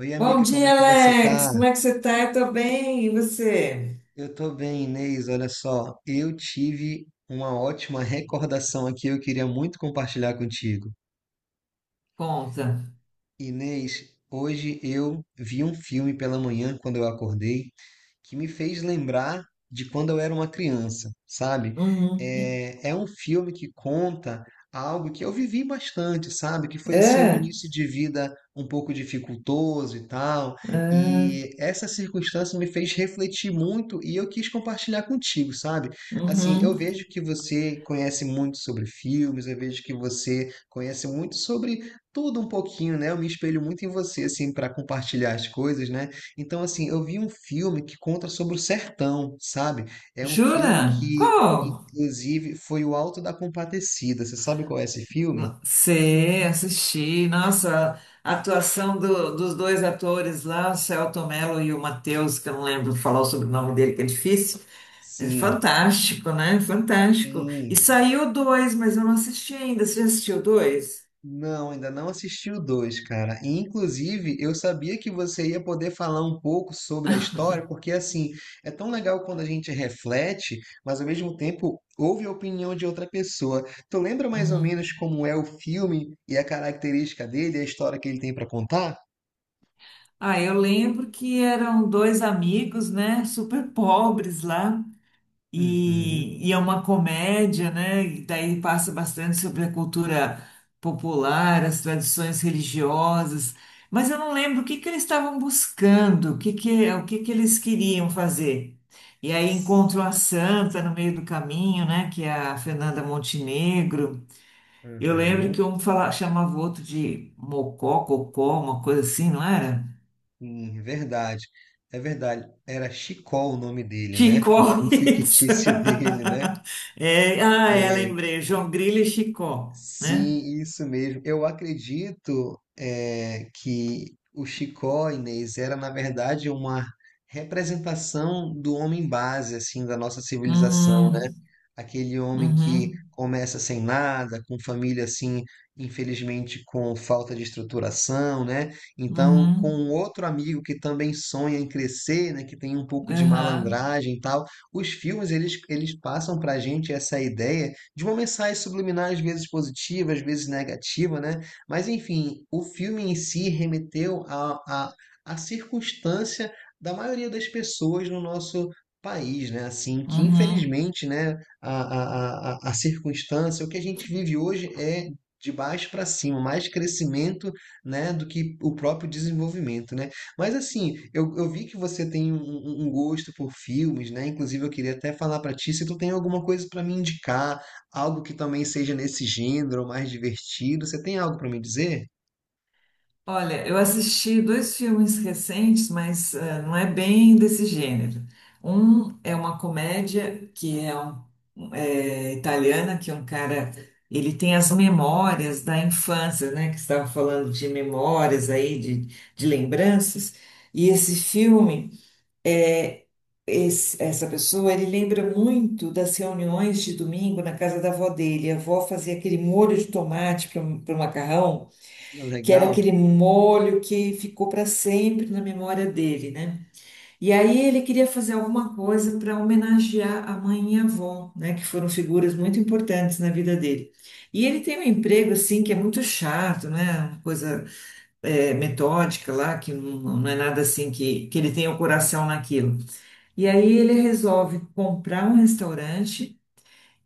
Oi, Bom amiga, como dia, é que você tá? Alex. Como é que você tá? Eu tô bem. E você? Eu tô bem, Inês. Olha só, eu tive uma ótima recordação aqui, eu queria muito compartilhar contigo. Conta. Inês, hoje eu vi um filme pela manhã quando eu acordei, que me fez lembrar de quando eu era uma criança, sabe? Uhum. É um filme que conta algo que eu vivi bastante, sabe? Que foi assim um É? início de vida um pouco dificultoso e tal. É. E essa circunstância me fez refletir muito e eu quis compartilhar contigo, sabe? Assim, eu Uhum. vejo que você conhece muito sobre filmes, eu vejo que você conhece muito sobre tudo um pouquinho, né? Eu me espelho muito em você assim para compartilhar as coisas, né? Então, assim, eu vi um filme que conta sobre o sertão, sabe? É um filme Jura? que, Qual? inclusive, foi o Alto da Compadecida. Você sabe qual é esse filme? Sei, assisti. Nossa, a atuação dos dois atores lá, o Celton Mello e o Matheus, que eu não lembro falar o sobrenome dele, que é difícil. É Sim, fantástico, né? Fantástico. E sim. saiu dois, mas eu não assisti ainda. Você já assistiu dois? Não, ainda não assisti o dois, cara. E, inclusive, eu sabia que você ia poder falar um pouco sobre a história, porque, assim, é tão legal quando a gente reflete, mas, ao mesmo tempo, ouve a opinião de outra pessoa. Tu lembra mais ou menos como é o filme e a característica dele, a história que ele tem pra contar? Ah, eu lembro que eram dois amigos, né, super pobres lá, Uhum. e é uma comédia, né, e daí passa bastante sobre a cultura popular, as tradições religiosas, mas eu não lembro o que eles estavam buscando, o que que eles queriam fazer. E aí encontram a Santa no meio do caminho, né, que é a Fernanda Montenegro. Eu lembro Uhum. que um fala, chamava o outro de Mocó, Cocó, uma coisa assim, não era? Sim, é verdade. É verdade. Era Chicó o nome dele, né? O Chicó, nome isso. fictício dele, né? É, ah, é, lembrei. João Grilo e Chicó, né? Sim, isso mesmo. Eu acredito que o Chicó, Inês, era na verdade uma representação do homem base assim da nossa civilização, né? Uhum, Aquele homem que uhum, começa sem nada, com família assim, infelizmente com falta de estruturação, né? Então, uhum, com um outro amigo que também sonha em crescer, né? Que tem um pouco de aham, malandragem e tal. Os filmes eles passam para gente essa ideia de uma mensagem subliminar, às vezes positiva, às vezes negativa, né? Mas, enfim, o filme em si remeteu à a, a, a circunstância da maioria das pessoas no nosso país, né? Assim, que uhum. infelizmente, né, a, a circunstância, o que a gente vive hoje é de baixo para cima, mais crescimento, né, do que o próprio desenvolvimento, né? Mas assim, eu vi que você tem um gosto por filmes, né? Inclusive eu queria até falar para ti se tu tem alguma coisa para me indicar, algo que também seja nesse gênero, mais divertido. Você tem algo para me dizer? Olha, eu assisti dois filmes recentes, mas não é bem desse gênero. Um é uma comédia que é, é italiana, que é um cara, ele tem as memórias da infância, né? Que estava falando de memórias aí, de lembranças. E esse filme é, essa pessoa, ele lembra muito das reuniões de domingo na casa da avó dele. A avó fazia aquele molho de tomate para o macarrão, que era Legal. aquele molho que ficou para sempre na memória dele, né? E aí ele queria fazer alguma coisa para homenagear a mãe e a avó, né? Que foram figuras muito importantes na vida dele. E ele tem um emprego, assim, que é muito chato, né? Uma coisa, é, metódica lá, que não é nada assim que ele tenha o coração naquilo. E aí ele resolve comprar um restaurante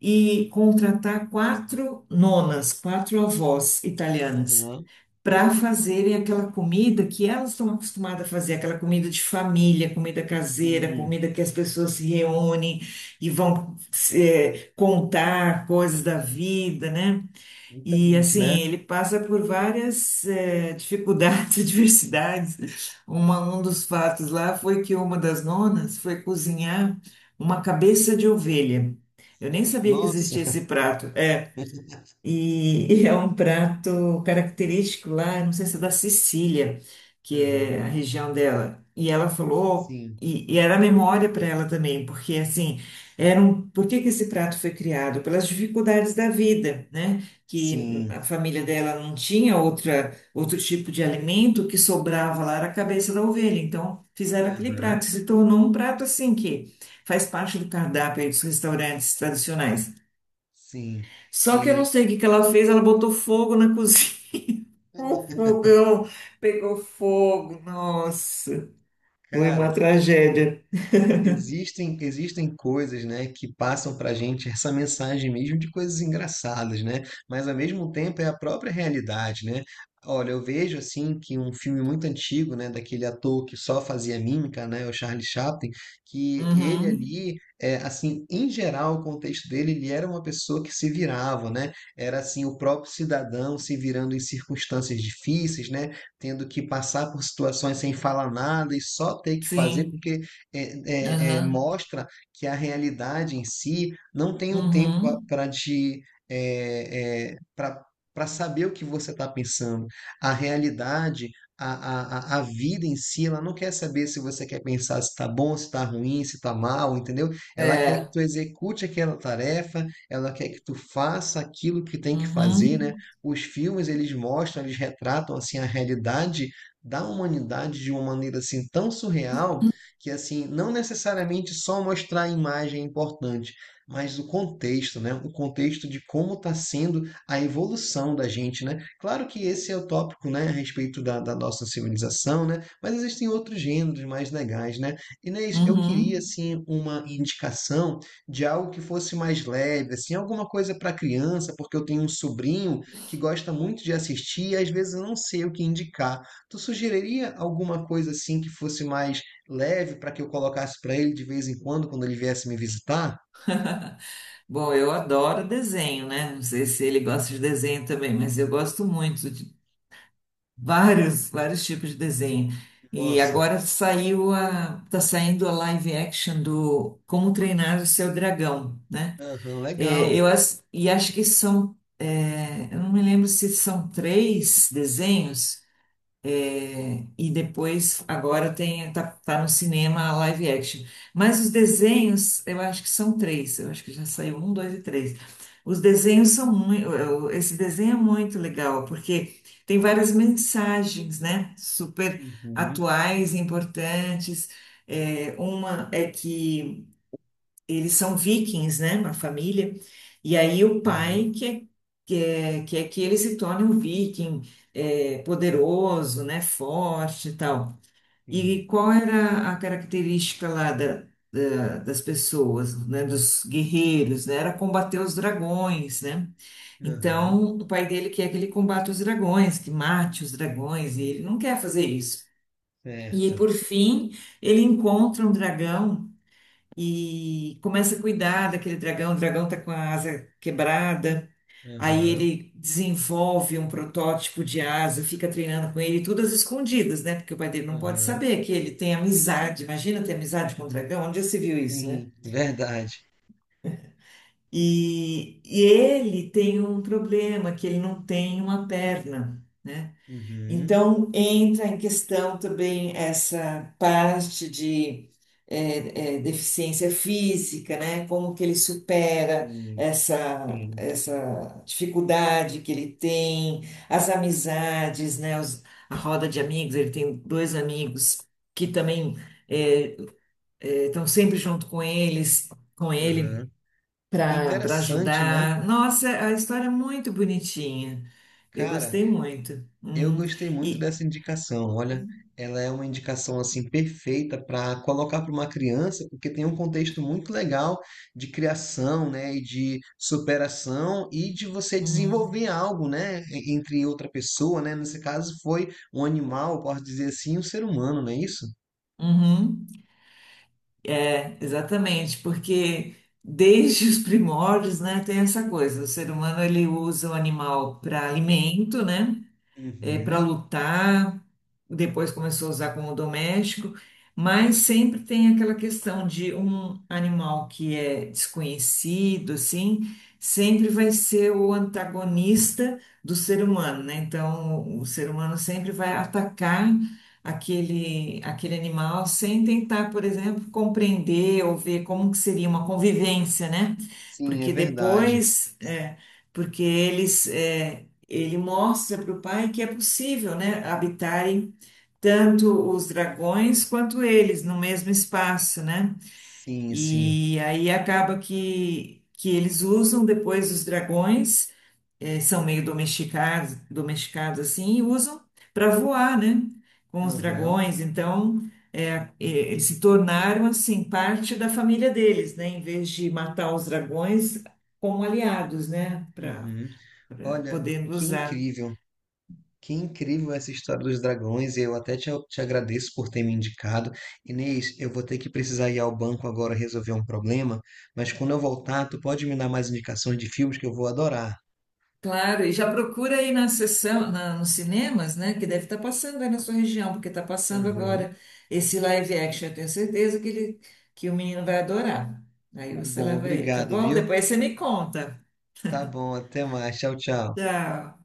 e contratar quatro nonas, quatro avós italianas, Aham. para fazerem aquela comida que elas estão acostumadas a fazer, aquela comida de família, comida caseira, Hum, comida que as pessoas se reúnem e vão contar coisas da vida, né? E diferente, assim, né? ele passa por várias dificuldades, adversidades. Uma, um dos fatos lá foi que uma das nonas foi cozinhar uma cabeça de ovelha. Eu nem sabia que Nossa. existia esse prato. É, e, e é um prato característico lá, não sei se é da Sicília, que é a Aham. região dela. E ela falou, Sim, e era memória para ela também, porque assim, era um, por que que esse prato foi criado? Pelas dificuldades da vida, né? Que a sim. família dela não tinha outra, outro tipo de alimento, o que sobrava lá era a cabeça da ovelha. Então, fizeram aquele Aham. prato, se tornou um prato assim que faz parte do cardápio aí dos restaurantes tradicionais. Sim. Só que eu não E, sei o que ela fez, ela botou fogo na cozinha. O fogão pegou fogo. Nossa, foi uma cara, tragédia. existem coisas, né, que passam para a gente essa mensagem mesmo de coisas engraçadas, né? Mas ao mesmo tempo é a própria realidade, né? Olha, eu vejo assim que um filme muito antigo, né, daquele ator que só fazia mímica, né, o Charlie Chaplin, que ele Uhum, ali, é, assim, em geral, o contexto dele, ele era uma pessoa que se virava, né? Era assim o próprio cidadão se virando em circunstâncias difíceis, né? Tendo que passar por situações sem falar nada e só ter que fazer sim. porque Aham. mostra que a realidade em si não tem um tempo Uhum. para te para para saber o que você está pensando. A realidade, a vida em si, ela não quer saber se você quer pensar se está bom, se está ruim, se está mal, entendeu? Ela quer que É. tu execute aquela tarefa, ela quer que tu faça aquilo que tem que fazer, né? Uhum. Os filmes, eles mostram, eles retratam, assim, a realidade da humanidade de uma maneira, assim, tão surreal que assim, não necessariamente só mostrar a imagem é importante, mas o contexto, né? O contexto de como está sendo a evolução da gente, né? Claro que esse é o tópico, né, a respeito da nossa civilização, né? Mas existem outros gêneros mais legais, né? Inês, eu queria Uhum. assim uma indicação de algo que fosse mais leve, assim, alguma coisa para criança, porque eu tenho um sobrinho que gosta muito de assistir e às vezes eu não sei o que indicar. Tu sugeriria alguma coisa assim que fosse mais leve para que eu colocasse para ele de vez em quando, quando ele viesse me visitar? Bom, eu adoro desenho, né? Não sei se ele gosta de desenho também, mas eu gosto muito de vários tipos de desenho. E Nossa, agora saiu a, tá saindo a live action do Como Treinar o Seu Dragão, né? aham, É, legal. eu e acho que são, é, eu não me lembro se são três desenhos é, e depois agora tem tá no cinema a live action. Mas os desenhos, eu acho que são três. Eu acho que já saiu um, dois e três. Os desenhos são muito, esse desenho é muito legal porque tem várias mensagens, né? Super Uhum, atuais, importantes. É, uma é que eles são vikings, né, uma família, e aí o aham, pai quer, quer que ele se torne um viking, é, poderoso, né, forte e tal. sim, E qual era a característica lá da, das pessoas, né, dos guerreiros, né, era combater os dragões, né? aham, Então, o pai dele quer que ele combata os dragões, que mate os dragões, e ele não quer fazer isso. E, certo, por fim, ele encontra um dragão e começa a cuidar daquele dragão. O dragão está com a asa quebrada, aí aham, ele desenvolve um protótipo de asa, fica treinando com ele, tudo às escondidas, né? Porque o pai dele não pode aham, saber que ele tem amizade. Imagina ter amizade com o dragão, onde já se viu isso, né? sim, verdade. E ele tem um problema, que ele não tem uma perna. Né? Uhum, Então, entra em questão também essa parte de deficiência física, né? Como que ele supera sim, sim, essa dificuldade que ele tem, as amizades, né? A roda de amigos, ele tem dois amigos que também é, é, estão sempre junto com eles, com ele, aham. Para Interessante, né? ajudar. Nossa, a história é muito bonitinha. Eu Cara, gostei muito. eu Uhum. gostei muito dessa indicação. Olha, ela é uma indicação assim perfeita para colocar para uma criança, porque tem um contexto muito legal de criação, né, e de superação e de você Uhum, desenvolver algo, né, e- entre outra pessoa, né? Nesse caso foi um animal, posso dizer assim, um ser humano, não é isso? uhum. É, exatamente, porque desde os primórdios, né, tem essa coisa, o ser humano ele usa o animal para alimento, né, para Uhum. lutar, depois começou a usar como doméstico, mas sempre tem aquela questão de um animal que é desconhecido, assim, sempre vai ser o antagonista do ser humano, né? Então, o ser humano sempre vai atacar aquele animal sem tentar, por exemplo, compreender ou ver como que seria uma convivência, né? Sim, é Porque verdade. depois, é, porque eles, é, ele mostra para o pai que é possível, né, habitarem tanto os dragões quanto eles no mesmo espaço, né? Sim, sim. E aí acaba que eles usam depois os dragões, eh, são meio domesticados, domesticados assim, e usam para voar, né? Com os Aham. dragões, então eles se tornaram assim parte da família deles, né? Em vez de matar os dragões como aliados, né? Para Uhum. Olha, podendo que usar. incrível. Que incrível essa história dos dragões, e eu até te agradeço por ter me indicado. Inês, eu vou ter que precisar ir ao banco agora resolver um problema, mas quando eu voltar, tu pode me dar mais indicações de filmes que eu vou adorar. Claro, e já procura aí na sessão, nos cinemas, né? Que deve estar passando aí na sua região, porque está passando Aham, agora esse live action. Eu tenho certeza que ele, que o menino vai adorar. Aí tá você bom, leva ele, tá obrigado, bom? viu? Depois você me conta. Tá bom, até mais, tchau, tchau. Tchau.